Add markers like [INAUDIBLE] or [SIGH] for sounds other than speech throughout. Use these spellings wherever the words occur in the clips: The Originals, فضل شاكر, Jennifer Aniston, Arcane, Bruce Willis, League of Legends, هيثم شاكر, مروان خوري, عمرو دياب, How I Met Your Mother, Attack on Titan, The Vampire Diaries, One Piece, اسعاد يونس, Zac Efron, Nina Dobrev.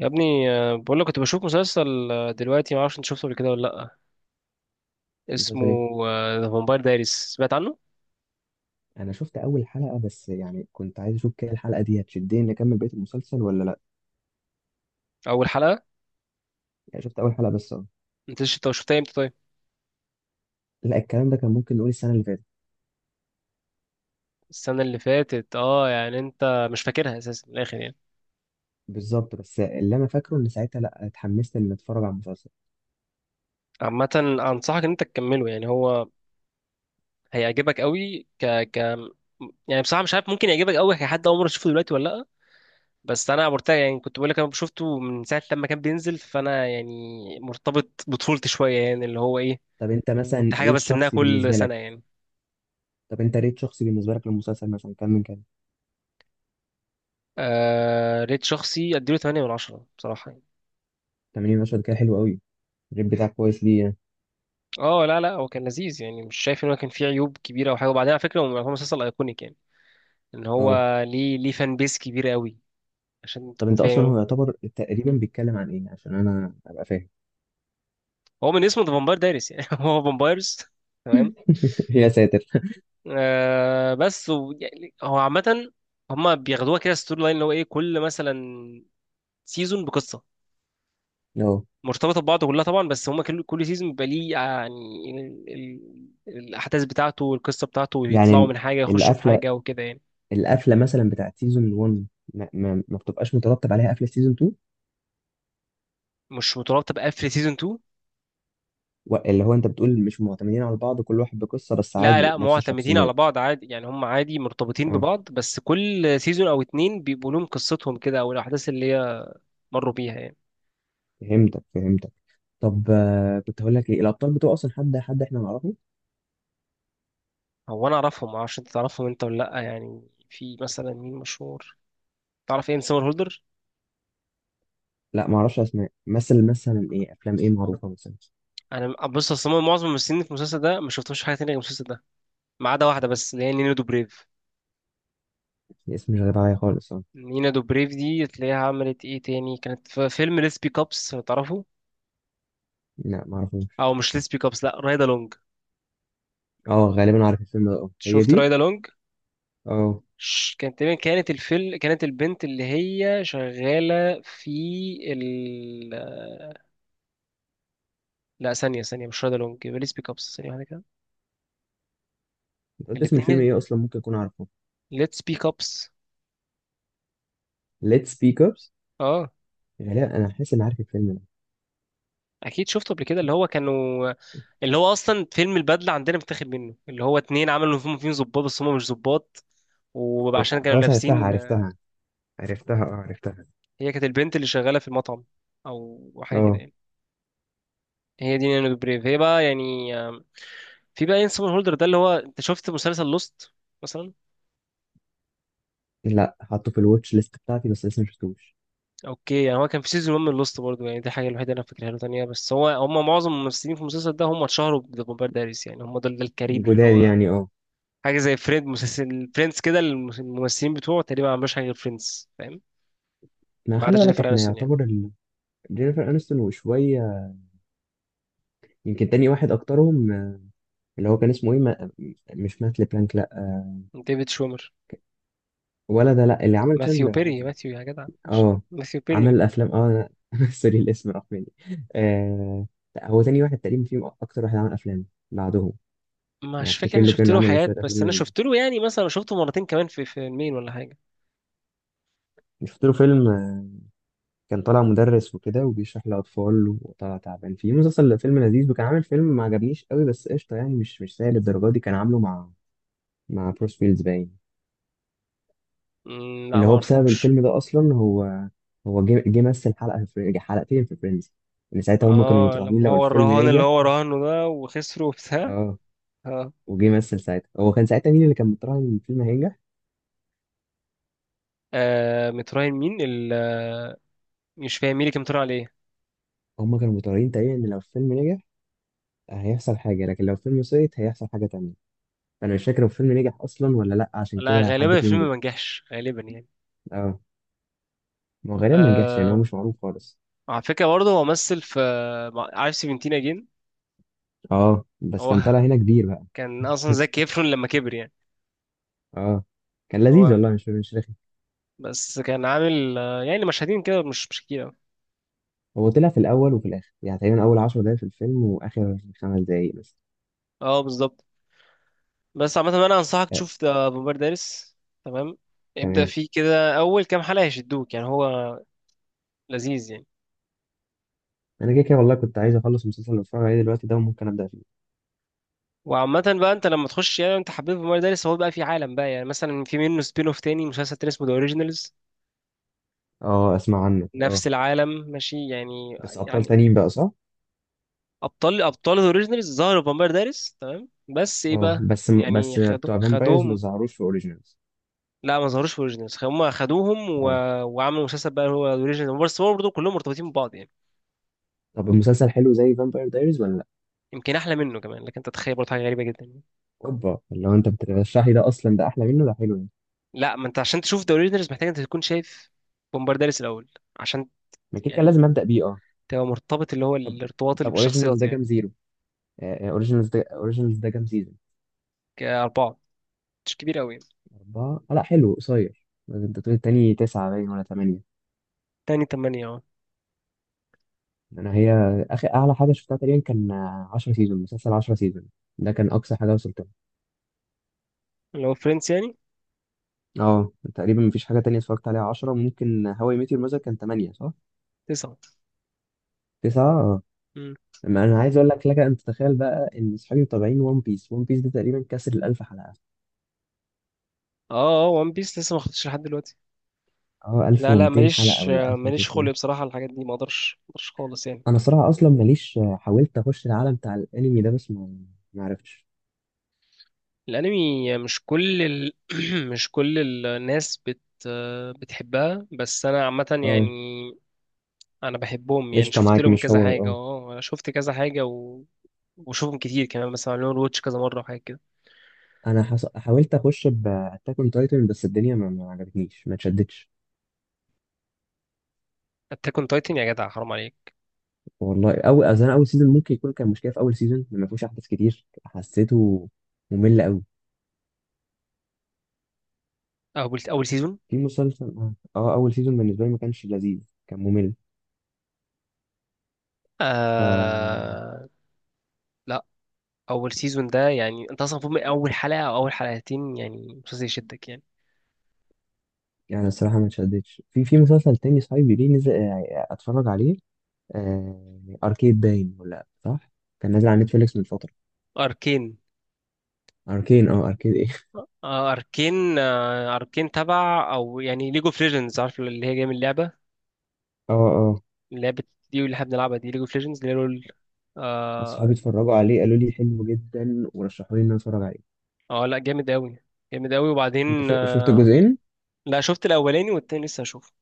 يا ابني بقول لك كنت بشوف مسلسل، دلوقتي ما اعرفش انت شفته قبل كده ولا لا. اسمه مسلسل ايه؟ ذا فامباير دايريز، سمعت عنه؟ انا شفت اول حلقه بس، يعني كنت عايز اشوف كده الحلقه دي هتشدني نكمل بقيه المسلسل ولا لا. اول حلقه. يعني شفت اول حلقه بس، اه. انت شفتها امتى طيب؟ لا، الكلام ده كان ممكن نقول السنه اللي فاتت. السنه اللي فاتت، اه يعني انت مش فاكرها اساسا من الاخر يعني. بالظبط، بس اللي انا فاكره ان ساعتها لا اتحمست ان اتفرج على المسلسل. عامه، انصحك ان انت تكمله، يعني هو هيعجبك قوي. ك ك يعني بصراحه مش عارف، ممكن يعجبك قوي كحد اول مره تشوفه دلوقتي ولا لا. بس انا مرتاح، يعني كنت بقول لك انا شفته من ساعه لما كان بينزل، فانا يعني مرتبط بطفولتي شويه، يعني اللي هو ايه، طب انت مثلا كنت حاجه ريت بستناها شخصي كل بالنسبه لك، سنه يعني. طب انت ريت شخصي بالنسبه لك للمسلسل مثلا كام من كام؟ آه، ريت شخصي اديله 8 من 10 بصراحه يعني. 80 مشهد، كده حلو قوي. الريت بتاعك كويس ليه يعني؟ اه لا لا، هو كان لذيذ يعني، مش شايف ان هو كان فيه عيوب كبيره او حاجه، وبعدين على فكره هو يعتبر مسلسل ايكونيك يعني. ان هو اه. ليه، ليه فان بيس كبيره قوي، عشان طب تكون انت فاهم اصلا هو يعني. يعتبر تقريبا بيتكلم عن ايه عشان انا ابقى فاهم؟ هو من اسمه ذا فامباير دايرس يعني [LAUGHS] هو فامبايرز. تمام. [LAUGHS] يا ساتر. آه بس و... يعني هو عامه هما بياخدوها كده ستوري لاين، اللي هو ايه، كل مثلا سيزون بقصه اه. مرتبطه ببعض كلها طبعا، بس هما كل سيزون بيبقى ليه يعني ال... الاحداث بتاعته والقصه بتاعته، يطلعوا يعني من حاجه يخشوا في القفله، حاجه وكده يعني. القفله مثلا بتاعت سيزون 1، ما بتبقاش مترتب عليها قفله سيزون 2. مش مترابطه بقفل سيزون 2. اللي هو انت بتقول مش معتمدين على بعض، كل واحد بقصه، بس لا عادي لا، نفس معتمدين على الشخصيات. بعض عادي يعني، هم عادي مرتبطين اه، ببعض، بس كل سيزون او اتنين بيبقوا لهم قصتهم كده، او الاحداث اللي هي مروا بيها يعني. فهمتك فهمتك. طب كنت هقول لك ايه، الابطال بتوع اصلا، حد احنا نعرفه؟ هو انا اعرفهم، معرفش انت تعرفهم انت ولا لا يعني. في مثلا مين مشهور، تعرف ايه سمر هولدر؟ لا، ما اعرفش اسماء، مثل ايه افلام ايه معروفه مثلا؟ انا بص، اصلا معظم الممثلين في المسلسل ده ما شفتهمش في حاجه تانية غير المسلسل ده، ما عدا واحده بس اللي هي نينو دوبريف. الاسم مش غريب عليا خالص، اه. نينا دوبريف دي تلاقيها عملت ايه تاني، كانت في فيلم ليس بيك ابس لو تعرفه. لا، ما اعرفوش. او مش ليس بيك ابس، لا، رايدا لونج. اه غالبا عارف الفيلم ده، اه هي شفت دي. رايدا لونج؟ اه. كانت تقريبا، كانت الفيل، كانت البنت اللي هي شغالة في ال... لا، ثانية، مش رايدا لونج، يبقى ليتس بيك ابس، ثانية واحدة كده. أنت قلت اسم الفيلم الاتنين، ايه اصلا؟ ممكن اكون عارفه. ليتس بيك ابس. Let's Speak Ups. اه غالبا انا حاسس اني عارف الفيلم ده. اكيد شفته قبل كده، اللي هو كانوا، اللي هو اصلا فيلم البدلة عندنا متاخد منه، اللي هو اتنين عملوا فيهم ظباط بس هم مش ظباط، إيه، وعشان كانوا خلاص عرفتها لابسين. عرفتها، عرفتها اه عرفتها. هي كانت البنت اللي شغاله في المطعم او حاجه كده اه يعني. هي دي نانو بريف. هي بقى يعني في بقى اين سمون هولدر، ده اللي هو انت شفت مسلسل لوست مثلا؟ لا، حاطه في الواتش ليست بتاعتي بس لسه ما شفتوش. اوكي، يعني هو كان في سيزون 1 من لوست برضه، يعني دي الحاجه الوحيده اللي انا فاكرها له تانية، بس هو هم معظم الممثلين في المسلسل ده هم اتشهروا بذا فامباير دايريز يعني، هم دول ده الكارير اللي جداد هو يعني، اه. حاجه زي فريند، مسلسل فريندز كده، الممثلين بتوعه تقريبا ما عملوش حاجه غير فريندز، فاهم؟ ما ما عدا خلي بالك جينيفر احنا انستون يعني. يعتبر ال... جينيفر انستون وشويه. يمكن تاني واحد اكترهم، اللي هو كان اسمه ايه، ما... مش مات لبلانك؟ لا، ديفيد شومر. ولا ده، لا اللي عمل ماثيو تشاندلر بيري، عادي. ماثيو، يا جدع ماشي، اه. ماثيو بيري. عمل افلام، اه. أنا- [LAUGHS] سوري الاسم راح مني. آه... لا، هو تاني واحد تقريبا فيهم اكتر واحد عمل افلام بعدهم. يعني مش فاكر، افتكر انا له شفت كان له عمل حاجات، شويه افلام بس انا لذيذه. شفت له يعني مثلا شفته مرتين كمان في فيلمين ولا حاجه. شفت له فيلم، كان طالع مدرس وكده وبيشرح لأطفال وطلع تعبان فيه، مسلسل فيلم لذيذ. وكان عامل فيلم ما عجبنيش قوي بس قشطة يعني، مش مش سيء للدرجة دي، كان عامله مع بروس ويلز باين. لا اللي ما هو بسبب اعرفوش. الفيلم ده أصلا، هو جه مثل حلقة في حلقتين في فريندز. إن ساعتها هما كانوا اه متراهنين لما لو هو الفيلم الرهان اللي نجح. هو رهانه ده وخسره وبتاع. اه، اه. وجه مثل ساعتها. هو كان ساعتها مين اللي كان متراهن إن الفيلم هينجح؟ متراهن مين ال... مش فاهم مين اللي كان متراهن عليه. هما كانوا متراهنين تقريبا إن لو الفيلم نجح، هيحصل حاجة، لكن لو الفيلم سقط هيحصل حاجة تانية. فأنا مش فاكر هو الفيلم نجح أصلا ولا لأ عشان لا كده حد غالبا فيهم الفيلم جه. ما نجحش غالبا يعني. اه، ما هو غالبا ما نجحش لان هو آه. مش معروف خالص. على فكره برضه هو مثل في عارف سيفنتين اجين؟ اه، بس هو كان طالع [LAUGHS] هنا كبير بقى. كان اصلا زكي ايفرون لما كبر يعني. اه، كان لذيذ هو والله، مش مش رخي. بس كان عامل يعني مشاهدين كده مش مش كتير أوي. هو طلع في الاول وفي الاخر يعني، تقريبا اول 10 دقايق في الفيلم واخر خمس دقايق بس. اه بالظبط. بس عامة انا انصحك آه. تشوف ذا بومبارديرس. تمام. ابدأ تمام. فيه كده، اول كام حلقة هيشدوك يعني، هو لذيذ يعني. انا كده كده والله كنت عايز اخلص المسلسل اللي بتفرج عليه دلوقتي ده وممكن ابدا فيه. وعامة بقى انت لما تخش، يعني انت حبيت بومبارديرس، هو بقى في عالم بقى، يعني مثلا في منه سبين اوف، تاني مسلسل تاني اسمه ذا اوريجينالز. اه اسمع عنه، اه. نفس العالم ماشي يعني بس ابطال يعني. تانيين بقى، صح؟ ابطال ذا اوريجينالز ظهروا في بومبارديرس، تمام؟ بس ايه اه، بقى، يعني بس خدوا بتوع فامبايرز ما خدوهم ظهروش في اوريجينالز. لا ما ظهروش في اوريجينالز، هم خدوهم و... اه. وعملوا مسلسل بقى هو اوريجينالز، بس هو برضه كلهم مرتبطين ببعض يعني. طب المسلسل حلو زي فامباير دايريز ولا لا؟ يمكن احلى منه كمان، لكن انت تتخيل برضه حاجه غريبه جدا. اوبا، لو انت بترشحي ده اصلا، ده احلى منه، ده حلو يعني. لا، ما انت عشان تشوف ذا اوريجينالز محتاج انت تكون شايف بومبارداليس الاول، عشان ما كده كده يعني لازم ابدا بيه، اه. تبقى مرتبط، اللي هو طب، الارتباط اللي اوريجينالز بالشخصيات ده يعني. كام زيرو، اوريجينالز ده، اوريجينالز ده كام سيزون؟ كأربعة، مش كبير قوي. اربعه، آه لا حلو قصير. انت بتقول التاني تسعه باين ولا ثمانيه؟ تاني تمانية اه. انا هي اخر اعلى حاجه شفتها تقريبا كان 10 سيزون، مسلسل 10 سيزون، ده كان اقصى حاجه وصلت لها. اللي هو فريندز يعني. اه، تقريبا مفيش حاجه تانية اتفرجت عليها 10. ممكن هواي ميت يور مذر كان 8، صح؟ تسعة. 9، اه. مم. ما انا عايز اقول لك، انت تتخيل بقى ان اصحابي متابعين ون بيس، ون بيس ده تقريبا كسر ال 1000 حلقه. اه اه، وان بيس لسه ما خدتش لحد دلوقتي. اه لا لا، 1200 حلقه ماليش، ولا ماليش 1300. خلق بصراحة على الحاجات دي، ما اقدرش ما اقدرش خالص يعني. انا صراحه اصلا ماليش، حاولت اخش العالم بتاع الانمي ده بس ما عرفتش. الانمي مش كل ال... [CLEARS THROAT] مش كل الناس بت بتحبها، بس انا عامة يعني اه انا بحبهم يعني، قشطه شفت معاك، لهم مش كذا هو حاجه، اه. اه انا شفت كذا حاجه و... وشوفهم كتير كمان، بس عملوا واتش كذا مره وحاجات كده. انا حاولت اخش باتاك اون تايتن بس الدنيا ما عجبتنيش، ما اتشدتش. اتاك اون تايتن يا جدع، حرام عليك. والله اول، اصل انا اول سيزون ممكن يكون كان مشكله في اول سيزون، ما فيهوش احداث كتير حسيته ممل قوي اول اول سيزون؟ في مسلسل، اه. اول سيزون بالنسبه لي ما كانش لذيذ، كان ممل. ف آه... لا، اول سيزون ده يعني انت اصلا فوق من اول حلقه او اول حلقتين، يعني مسلسل يشدك يعني. يعني الصراحه ما اتشدتش في مسلسل تاني صاحبي ليه نزل، اتفرج عليه. اركيد باين ولا؟ صح، كان نازل على نتفليكس من فتره. اركين. اركين، اه اركيد ايه. آه اركين. آه اركين تبع او يعني ليجو اوف ليجندز، عارف اللي هي جايه من اللعبه، [LAUGHS] اه اه. اللعبه دي اللي احنا بنلعبها دي ليجو اوف ليجندز اللي هي رول. اه. اصحابي اتفرجوا عليه، قالوا لي حلو جدا ورشحوا لي ان انا اتفرج عليه. لا جامد قوي، جامد قوي وبعدين. انت شفت الجزئين؟ لا شفت الاولاني والتاني لسه هشوفه.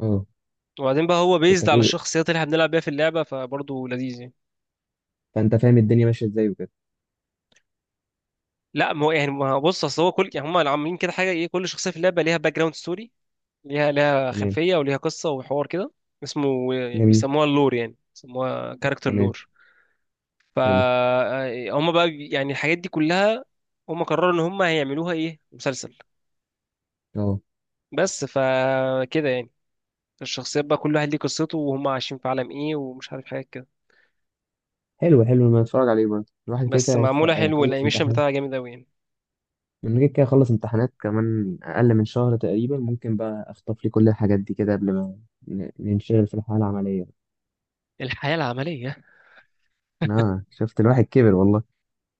اه. وبعدين بقى هو كنت بيزد على هتقول، الشخصيات اللي احنا بنلعب بيها في اللعبه، فبرضه لذيذ يعني. فانت فاهم الدنيا ماشيه ازاي وكده. لا ما هو يعني ما هو بص، اصل هو كل يعني هم عاملين كده حاجه ايه، كل شخصيه في اللعبه ليها باك جراوند ستوري، ليها تمام. خلفيه وليها قصه وحوار كده. اسمه يعني جميل. بيسموها اللور، يعني بيسموها كاركتر تمام. لور. ف حلو. هم بقى يعني الحاجات دي كلها هم قرروا ان هم هيعملوها ايه مسلسل. اه. بس فكده يعني الشخصيات بقى كل واحد ليه قصته، وهم عايشين في عالم ايه ومش عارف حاجه. حلو، حلو. ما اتفرج عليه برضه، الواحد كده بس كده معموله حلو هيخلص والانيميشن امتحان. بتاعها جامد قوي يعني. من كده كده هخلص امتحانات كمان اقل من شهر تقريبا، ممكن بقى اخطف لي كل الحاجات دي كده قبل ما ننشغل في الحياه العمليه. الحياه العمليه. اه، شفت الواحد كبر والله.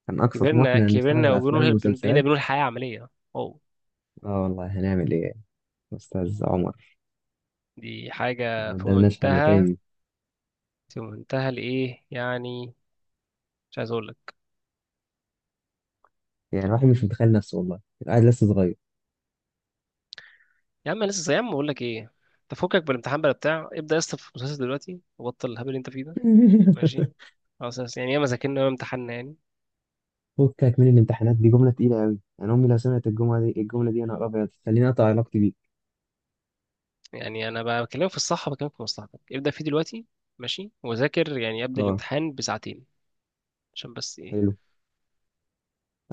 كان أقصى كبرنا طموحنا نتفرج على أفلام وبنقول بقينا ومسلسلات. بنقول حياه عمليه، واو. آه والله هنعمل إيه يا أستاذ عمر؟ دي حاجه ما في قدامناش حل منتهى، تاني. في منتهى الايه يعني، مش عايز اقول لك. يعني الواحد مش متخيل نفسه، والله الواحد لسه صغير. يا عم أنا لسه، يا عم اقول لك ايه، تفكك بالامتحان بلا بتاع، ابدا يا اسطى في المسلسل دلوقتي وبطل الهبل اللي انت فيه ده. [LAUGHS] ماشي، خلاص يا اسطى، يعني ياما ذاكرنا وياما امتحنا يعني. فكك من الامتحانات دي جملة تقيلة أوي، أنا أمي لو سمعت الجملة دي، الجملة دي أنا أبيض خليني أقطع علاقتي بيك. يعني انا بقى بكلمك في الصح، بكلمك في مصلحتك، ابدا فيه دلوقتي، ماشي، وذاكر يعني قبل أه الامتحان بساعتين، عشان بس ايه، حلو.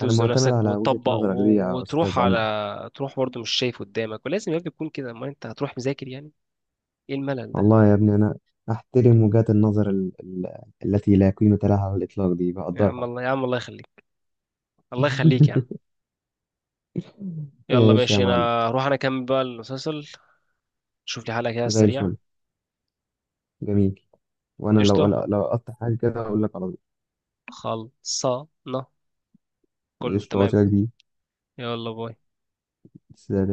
أنا معتمد نفسك على وجهة وتطبق نظرك دي و- يا وتروح أستاذ عمر. على، تروح برضه مش شايف قدامك، ولازم يا ابني تكون كده، ما انت هتروح مذاكر يعني. ايه الملل ده؟ والله يا ابني أنا أحترم وجهات النظر ال... ال... التي لا قيمة لها على الإطلاق دي يا عم بقدرها. الله، يا عم الله يخليك، الله يخليك يا عم. [LAUGHS] يلا ماشي يا ماشي، انا معلم. هروح انا اكمل بقى المسلسل، شوف لي حلقة كده على زي السريع. الفل. جميل. وانا لو قشطة، لو قطع حاجه كده اقول لك على طول. خلصانة، كله قشطه، هو تمام. كده كبير. يلا باي. سلام.